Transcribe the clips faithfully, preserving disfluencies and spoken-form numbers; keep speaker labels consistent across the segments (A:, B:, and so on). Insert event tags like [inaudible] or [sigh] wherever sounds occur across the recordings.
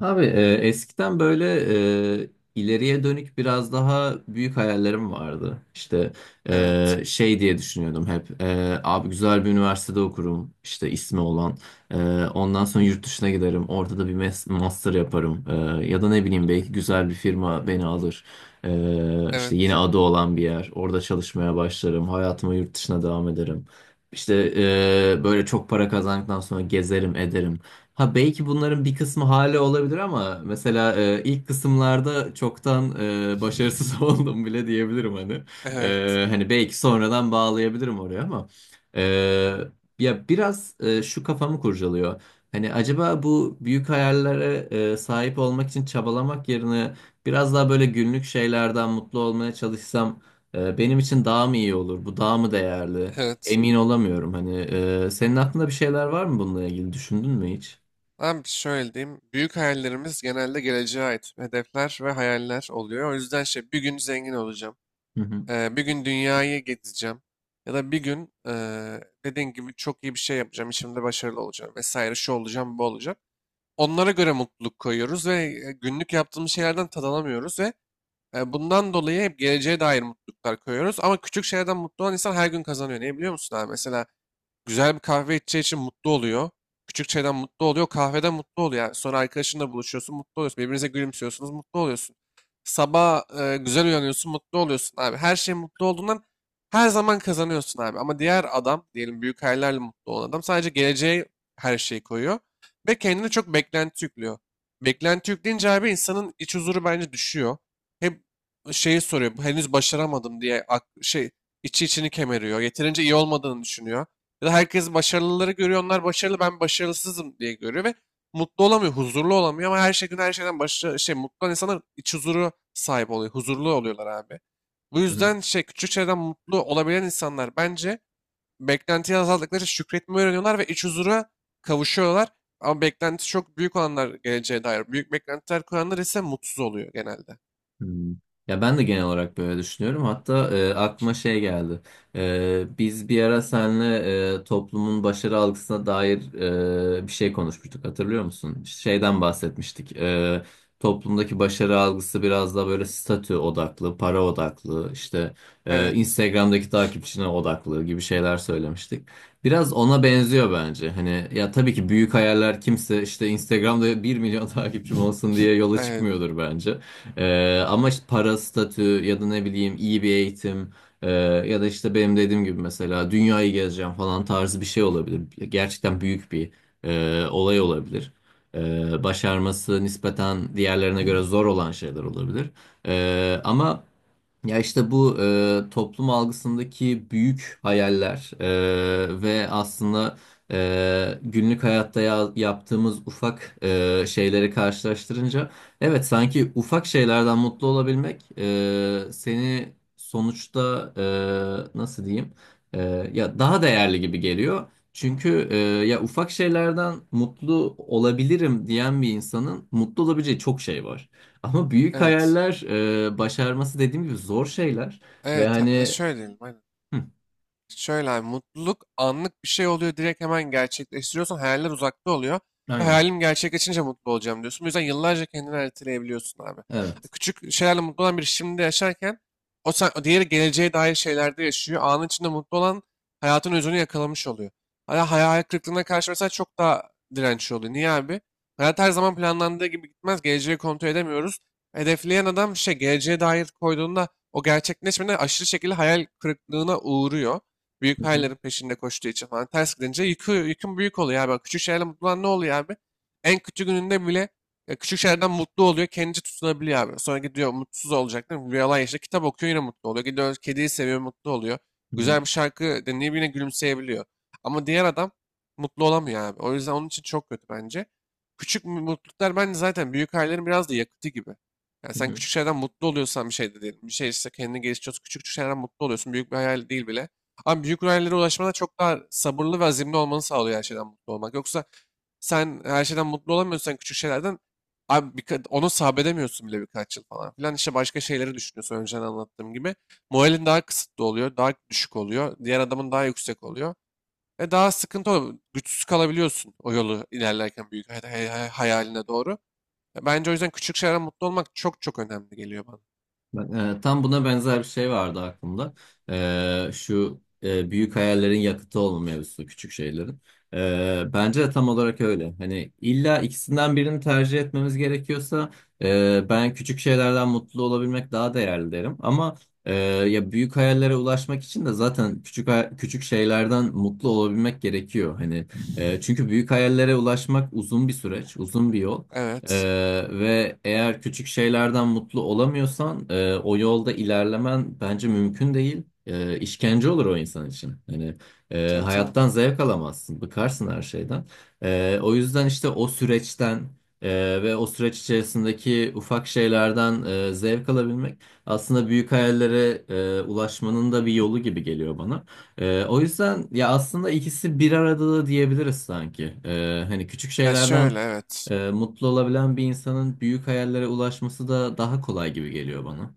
A: Abi, e, eskiden böyle e, ileriye dönük biraz daha büyük hayallerim vardı. İşte,
B: Evet,
A: e, şey diye düşünüyordum hep. E, abi, güzel bir üniversitede okurum, işte ismi olan. E, Ondan sonra yurt dışına giderim. Orada da bir mes- master yaparım. E, ya da ne bileyim, belki güzel bir firma beni alır. E, işte yeni
B: evet,
A: adı olan bir yer. Orada çalışmaya başlarım. Hayatıma yurt dışına devam ederim. İşte, e, böyle çok para kazandıktan sonra gezerim, ederim. Ha, belki bunların bir kısmı hala olabilir ama mesela, e, ilk kısımlarda çoktan e, başarısız [laughs] oldum bile diyebilirim hani.
B: evet,
A: E, hani belki sonradan bağlayabilirim oraya ama, e, ya biraz, e, şu kafamı kurcalıyor. Hani acaba bu büyük hayallere e, sahip olmak için çabalamak yerine biraz daha böyle günlük şeylerden mutlu olmaya çalışsam, e, benim için daha mı iyi olur? Bu daha mı değerli?
B: evet.
A: Emin olamıyorum hani. E, senin aklında bir şeyler var mı bununla ilgili? Düşündün mü hiç?
B: Abi şöyle diyeyim. Büyük hayallerimiz genelde geleceğe ait hedefler ve hayaller oluyor. O yüzden şey bir gün zengin olacağım.
A: Hı hı.
B: Eee, bir gün dünyayı gezeceğim. Ya da bir gün eee dediğin gibi çok iyi bir şey yapacağım. İşimde başarılı olacağım vesaire. Şu olacağım, bu olacağım. Onlara göre mutluluk koyuyoruz ve e, günlük yaptığımız şeylerden tad alamıyoruz ve e, bundan dolayı hep geleceğe dair mutluluklar koyuyoruz. Ama küçük şeylerden mutlu olan insan her gün kazanıyor. Niye biliyor musun abi? Mesela güzel bir kahve içeceği için mutlu oluyor. Küçük şeyden mutlu oluyor. Kahveden mutlu oluyor. Yani sonra arkadaşınla buluşuyorsun, mutlu oluyorsun. Birbirinize gülümsüyorsunuz, mutlu oluyorsun. Sabah e, güzel uyanıyorsun, mutlu oluyorsun abi. Her şey mutlu olduğundan her zaman kazanıyorsun abi. Ama diğer adam, diyelim büyük hayallerle mutlu olan adam, sadece geleceğe her şeyi koyuyor. Ve kendine çok beklenti yüklüyor. Beklenti yükleyince abi insanın iç huzuru bence düşüyor. Hep şeyi soruyor, henüz başaramadım diye, ak- şey, içi içini kemeriyor. Yeterince iyi olmadığını düşünüyor. Ya da herkes başarılıları görüyor, onlar başarılı, ben başarısızım diye görüyor ve mutlu olamıyor, huzurlu olamıyor. Ama her şey gün her şeyden başarı, şey, mutlu olan insanlar iç huzuru sahip oluyor, huzurlu oluyorlar abi. Bu
A: Hı hı.
B: yüzden şey küçük şeylerden mutlu olabilen insanlar, bence beklentiyi azalttıkları için şükretmeyi öğreniyorlar ve iç huzura kavuşuyorlar. Ama beklenti çok büyük olanlar, geleceğe dair büyük beklentiler kuranlar ise mutsuz oluyor genelde.
A: Hmm. Ya, ben de genel olarak böyle düşünüyorum. Hatta e, aklıma şey geldi. E, biz bir ara seninle e, toplumun başarı algısına dair e, bir şey konuşmuştuk. Hatırlıyor musun? Şeyden bahsetmiştik. E, toplumdaki başarı algısı biraz daha böyle statü odaklı, para odaklı, işte, e,
B: Evet.
A: Instagram'daki takipçine odaklı gibi şeyler söylemiştik. Biraz ona benziyor bence. Hani ya, tabii ki büyük hayaller kimse işte Instagram'da bir milyon [laughs] takipçim olsun diye yola
B: Evet.
A: çıkmıyordur bence. Ee, ama işte para, statü ya da ne bileyim iyi bir eğitim, e, ya da işte benim dediğim gibi mesela dünyayı gezeceğim falan tarzı bir şey olabilir. Gerçekten büyük bir e, olay olabilir. Ee, başarması nispeten diğerlerine göre zor olan şeyler olabilir. Ee, ama ya işte bu e, toplum algısındaki büyük hayaller e, ve aslında e, günlük hayatta ya- yaptığımız ufak e, şeyleri karşılaştırınca, evet, sanki ufak şeylerden mutlu olabilmek e, seni sonuçta, e, nasıl diyeyim, e, ya daha değerli gibi geliyor. Çünkü e, ya, ufak şeylerden mutlu olabilirim diyen bir insanın mutlu olabileceği çok şey var. Ama büyük
B: Evet.
A: hayaller, e, başarması dediğim gibi zor şeyler ve
B: Evet. ha- e,
A: hani.
B: Şöyle diyelim. Aynen.
A: Hı,
B: Şöyle abi, mutluluk anlık bir şey oluyor. Direkt hemen gerçekleştiriyorsun. Hayaller uzakta oluyor. Ve
A: aynen,
B: hayalim gerçekleşince mutlu olacağım diyorsun. Bu yüzden yıllarca kendini erteleyebiliyorsun abi. E,
A: evet.
B: Küçük şeylerle mutlu olan biri şimdi yaşarken, o, sen, o diğeri geleceğe dair şeylerde yaşıyor. Anın içinde mutlu olan hayatın özünü yakalamış oluyor. Hala hayal kırıklığına karşı mesela çok daha dirençli oluyor. Niye abi? Hayat her zaman planlandığı gibi gitmez. Geleceği kontrol edemiyoruz. Hedefleyen adam şey geleceğe dair koyduğunda, o gerçekleşmeden aşırı şekilde hayal kırıklığına uğruyor. Büyük
A: Hı hı.
B: hayallerin peşinde koştuğu için, falan ters gidince yükü, yükün büyük oluyor abi. Küçük şeylerle mutlu olan ne oluyor abi? En kötü gününde bile e, küçük şeylerden mutlu oluyor. Kendince tutunabiliyor abi. Sonra gidiyor mutsuz olacak değil mi? Bir yalan yaşında kitap okuyor, yine mutlu oluyor. Gidiyor kediyi seviyor, mutlu oluyor.
A: Hı hı.
B: Güzel bir şarkı dinleyip yine gülümseyebiliyor. Ama diğer adam mutlu olamıyor abi. O yüzden onun için çok kötü bence. Küçük mutluluklar bence zaten büyük hayallerin biraz da yakıtı gibi. Yani
A: Hı
B: sen
A: hı.
B: küçük şeylerden mutlu oluyorsan bir şey de değil. Bir şey, işte kendini geliştiriyorsun. Küçük küçük şeylerden mutlu oluyorsun. Büyük bir hayal değil bile. Ama büyük hayallere ulaşmada çok daha sabırlı ve azimli olmanı sağlıyor her şeyden mutlu olmak. Yoksa sen her şeyden mutlu olamıyorsan, küçük şeylerden abi, birka- onu sabredemiyorsun bile birkaç yıl falan filan. İşte başka şeyleri düşünüyorsun, önceden anlattığım gibi. Moralin daha kısıtlı oluyor, daha düşük oluyor. Diğer adamın daha yüksek oluyor. Ve daha sıkıntı oluyor. Güçsüz kalabiliyorsun o yolu ilerlerken, büyük hay- hay- hay- hayaline doğru. Ya bence o yüzden küçük şeylerden mutlu olmak çok çok önemli geliyor bana.
A: Ben- e, tam buna benzer bir şey vardı aklımda. E, şu e, büyük hayallerin yakıtı olma mevzusu, küçük şeylerin. E, bence de tam olarak öyle. Hani illa ikisinden birini tercih etmemiz gerekiyorsa, e, ben küçük şeylerden mutlu olabilmek daha değerli derim. Ama e, ya, büyük hayallere ulaşmak için de zaten küçük hay- küçük şeylerden mutlu olabilmek gerekiyor. Hani, e, çünkü büyük hayallere ulaşmak uzun bir süreç, uzun bir yol.
B: Evet.
A: Ee, ve eğer küçük şeylerden mutlu olamıyorsan, e, o yolda ilerlemen bence mümkün değil. E, işkence olur o insan için. Yani, e,
B: Tabii tabii.
A: hayattan zevk alamazsın, bıkarsın her şeyden. E, o yüzden işte o süreçten e, ve o süreç içerisindeki ufak şeylerden e, zevk alabilmek, aslında büyük hayallere e, ulaşmanın da bir yolu gibi geliyor bana. E, o yüzden ya, aslında ikisi bir arada da diyebiliriz sanki. E, hani küçük
B: Ya
A: şeylerden
B: şöyle evet.
A: ee, mutlu olabilen bir insanın büyük hayallere ulaşması da daha kolay gibi geliyor bana.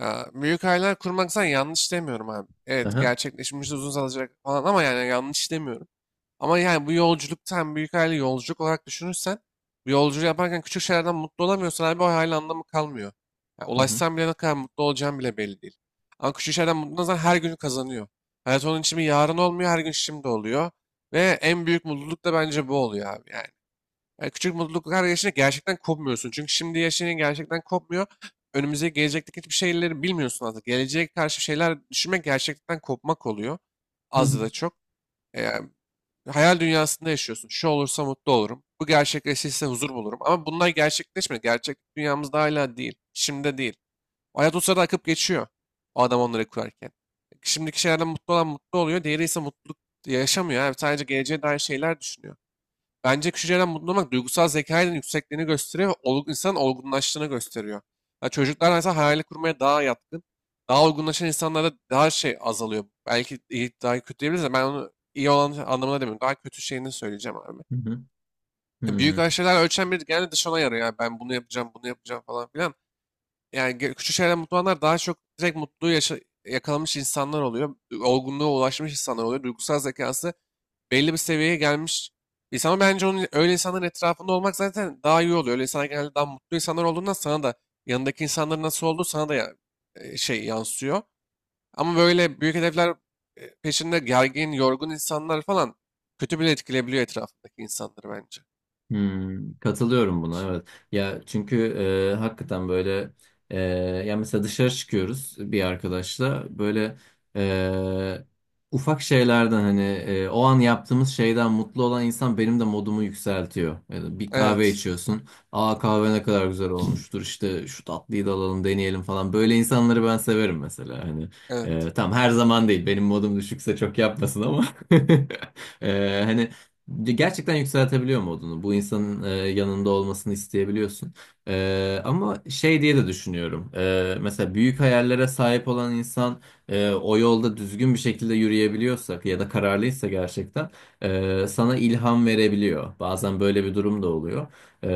B: Ya, büyük hayaller kurmaksan yanlış demiyorum abi. Evet,
A: Aha.
B: gerçekleşmesi uzun alacak falan, ama yani yanlış demiyorum. Ama yani bu yolculukta, hem büyük hayali yolculuk olarak düşünürsen, bu yolculuğu yaparken küçük şeylerden mutlu olamıyorsan abi o hayal anlamı kalmıyor. Ya,
A: Hı hı.
B: ulaşsan bile ne kadar mutlu olacağın bile belli değil. Ama küçük şeylerden mutlu olan her gün kazanıyor. Hayat onun için bir yarın olmuyor, her gün şimdi oluyor. Ve en büyük mutluluk da bence bu oluyor abi yani. E, küçük mutluluklar yaşını gerçekten kopmuyorsun. Çünkü şimdi yaşayınca gerçekten kopmuyor. Önümüzdeki gelecekteki hiçbir şeyleri bilmiyorsun aslında. Geleceğe karşı şeyler düşünmek gerçekten kopmak oluyor.
A: Hı
B: Az
A: hı.
B: ya da çok. E, Hayal dünyasında yaşıyorsun. Şu olursa mutlu olurum. Bu gerçekleşirse huzur bulurum. Ama bunlar gerçekleşmiyor. Gerçek dünyamızda hala değil. Şimdi değil. O hayat o sırada akıp geçiyor. O adam onları kurarken, şimdiki şeylerden mutlu olan mutlu oluyor. Diğeri ise mutluluk yaşamıyor. Yani sadece geleceğe dair şeyler düşünüyor. Bence küçük şeylerden mutlu olmak duygusal zekanın yüksekliğini gösteriyor ve olgun, insanın olgunlaştığını gösteriyor. Ya çocuklar mesela hayali kurmaya daha yatkın. Daha olgunlaşan insanlarda daha şey azalıyor. Belki iyi, daha kötü diyebiliriz de ben onu iyi olan anlamına demiyorum. Daha kötü şeyini söyleyeceğim abi.
A: Hı hı.
B: Ya
A: Hı.
B: büyük şeyler ölçen biri genelde dışına yarıyor. Yani ben bunu yapacağım, bunu yapacağım falan filan. Yani ge- küçük şeylerden mutlu olanlar daha çok direkt mutluluğu yaşa- yakalamış insanlar oluyor. Olgunluğa ulaşmış insanlar oluyor. Duygusal zekası belli bir seviyeye gelmiş insan, ama bence onun, öyle insanların etrafında olmak zaten daha iyi oluyor. Öyle insanlar genelde daha mutlu insanlar olduğundan, sana da yanındaki insanların nasıl olduğu sana da ya- e, şey yansıyor. Ama böyle büyük hedefler e, peşinde gergin, yorgun insanlar falan, kötü bile etkileyebiliyor etrafındaki insanları bence.
A: Hmm, katılıyorum buna, evet. Ya çünkü e, hakikaten böyle, e, ya mesela dışarı çıkıyoruz bir arkadaşla böyle, e, ufak şeylerden hani, e, o an yaptığımız şeyden mutlu olan insan benim de modumu yükseltiyor. Yani bir kahve
B: Evet,
A: içiyorsun. Aa, kahve ne kadar güzel olmuştur, işte şu tatlıyı da alalım deneyelim falan. Böyle insanları ben severim mesela, hani.
B: evet,
A: E, tamam, her zaman değil, benim modum düşükse çok yapmasın ama. [laughs] E, hani, gerçekten yükseltebiliyor modunu. Bu insanın e, yanında olmasını isteyebiliyorsun. E, ama şey diye de düşünüyorum. E, mesela büyük hayallere sahip olan insan, e, o yolda düzgün bir şekilde yürüyebiliyorsak ya da kararlıysa, gerçekten e, sana ilham verebiliyor. Bazen böyle bir durum da oluyor. E,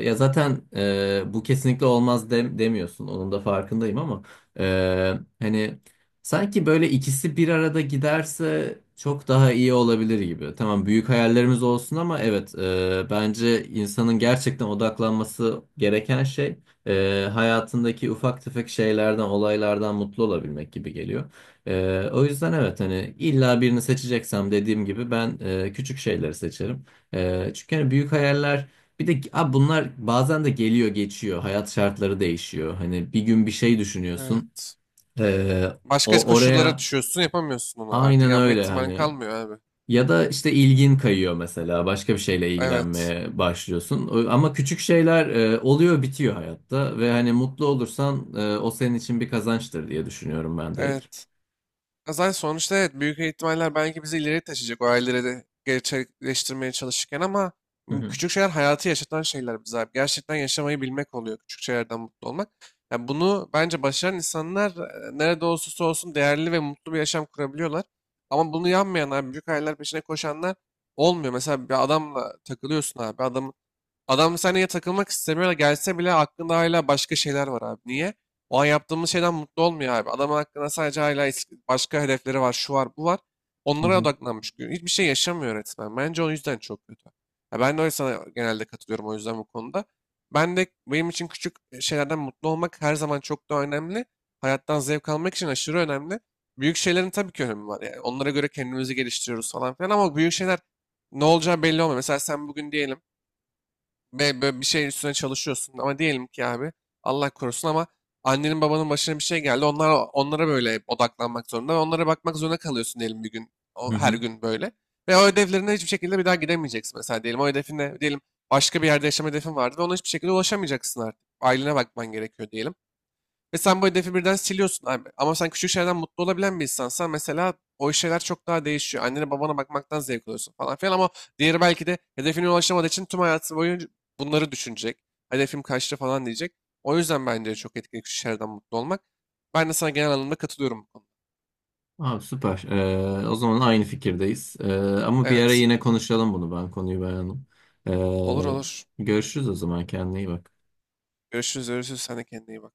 A: Ya zaten e, bu kesinlikle olmaz dem- demiyorsun. Onun da farkındayım ama, e, hani sanki böyle ikisi bir arada giderse çok daha iyi olabilir gibi. Tamam, büyük hayallerimiz olsun ama evet, e, bence insanın gerçekten odaklanması gereken şey, e, hayatındaki ufak tefek şeylerden, olaylardan mutlu olabilmek gibi geliyor. E, o yüzden evet, hani illa birini seçeceksem dediğim gibi ben e, küçük şeyleri seçerim. E, çünkü hani büyük hayaller, bir de abi bunlar bazen de geliyor geçiyor. Hayat şartları değişiyor. Hani bir gün bir şey düşünüyorsun.
B: evet.
A: Ee,
B: Başka
A: O
B: koşullara
A: oraya,
B: düşüyorsun, yapamıyorsun onu artık.
A: aynen
B: Yapma
A: öyle
B: ihtimalin
A: hani,
B: kalmıyor abi.
A: ya da işte ilgin kayıyor mesela, başka bir şeyle
B: Evet,
A: ilgilenmeye başlıyorsun. O- ama küçük şeyler e, oluyor bitiyor hayatta ve hani mutlu olursan, e, o senin için bir kazançtır diye düşünüyorum ben direkt.
B: evet. Zaten sonuçta evet, büyük ihtimaller belki bizi ileriye taşıyacak, o hayalleri de gerçekleştirmeye çalışırken ama
A: Hı
B: m,
A: hı.
B: küçük şeyler hayatı yaşatan şeyler bize abi. Gerçekten yaşamayı bilmek oluyor küçük şeylerden mutlu olmak. Yani bunu bence başaran insanlar e, nerede olursa olsun değerli ve mutlu bir yaşam kurabiliyorlar. Ama bunu yanmayan abi, büyük hayaller peşine koşanlar olmuyor. Mesela bir adamla takılıyorsun abi. Adam Adam seninle takılmak istemiyor, da gelse bile aklında hala başka şeyler var abi. Niye? O an yaptığımız şeyden mutlu olmuyor abi. Adamın aklında sadece hala eski- başka hedefleri var, şu var, bu var.
A: Hı
B: Onlara
A: hı.
B: odaklanmış. Hiçbir şey yaşamıyor resmen. Bence o yüzden çok kötü. Ya ben de öyle, sana genelde katılıyorum o yüzden bu konuda. Ben de, benim için küçük şeylerden mutlu olmak her zaman çok da önemli. Hayattan zevk almak için aşırı önemli. Büyük şeylerin tabii ki önemi var. Yani onlara göre kendimizi geliştiriyoruz falan filan, ama büyük şeyler ne olacağı belli olmuyor. Mesela sen bugün diyelim ve böyle bir şeyin üstüne çalışıyorsun, ama diyelim ki abi, Allah korusun ama annenin babanın başına bir şey geldi. Onlar, onlara böyle odaklanmak zorunda ve onlara bakmak zorunda kalıyorsun diyelim, bir gün
A: Hı
B: o, her
A: hı.
B: gün böyle. Ve o ödevlerine hiçbir şekilde bir daha gidemeyeceksin mesela diyelim. O hedefine diyelim, başka bir yerde yaşama hedefin vardı ve ona hiçbir şekilde ulaşamayacaksın artık. Ailene bakman gerekiyor diyelim. Ve sen bu hedefi birden siliyorsun. Ay- Ama sen küçük şeylerden mutlu olabilen bir insansan mesela, o şeyler çok daha değişiyor. Annene babana bakmaktan zevk alıyorsun falan filan, ama diğeri belki de hedefine ulaşamadığı için tüm hayatı boyunca bunları düşünecek. Hedefim kaçtı falan diyecek. O yüzden bence çok etkili küçük şeylerden mutlu olmak. Ben de sana genel anlamda katılıyorum bu konuda.
A: Abi, süper. Ee, o zaman aynı fikirdeyiz. Ee, ama bir ara
B: Evet.
A: yine konuşalım bunu, ben konuyu beğendim.
B: Olur
A: Ee,
B: olur.
A: Görüşürüz o zaman, kendine iyi bak.
B: Görüşürüz görüşürüz. Sen de kendine iyi bak.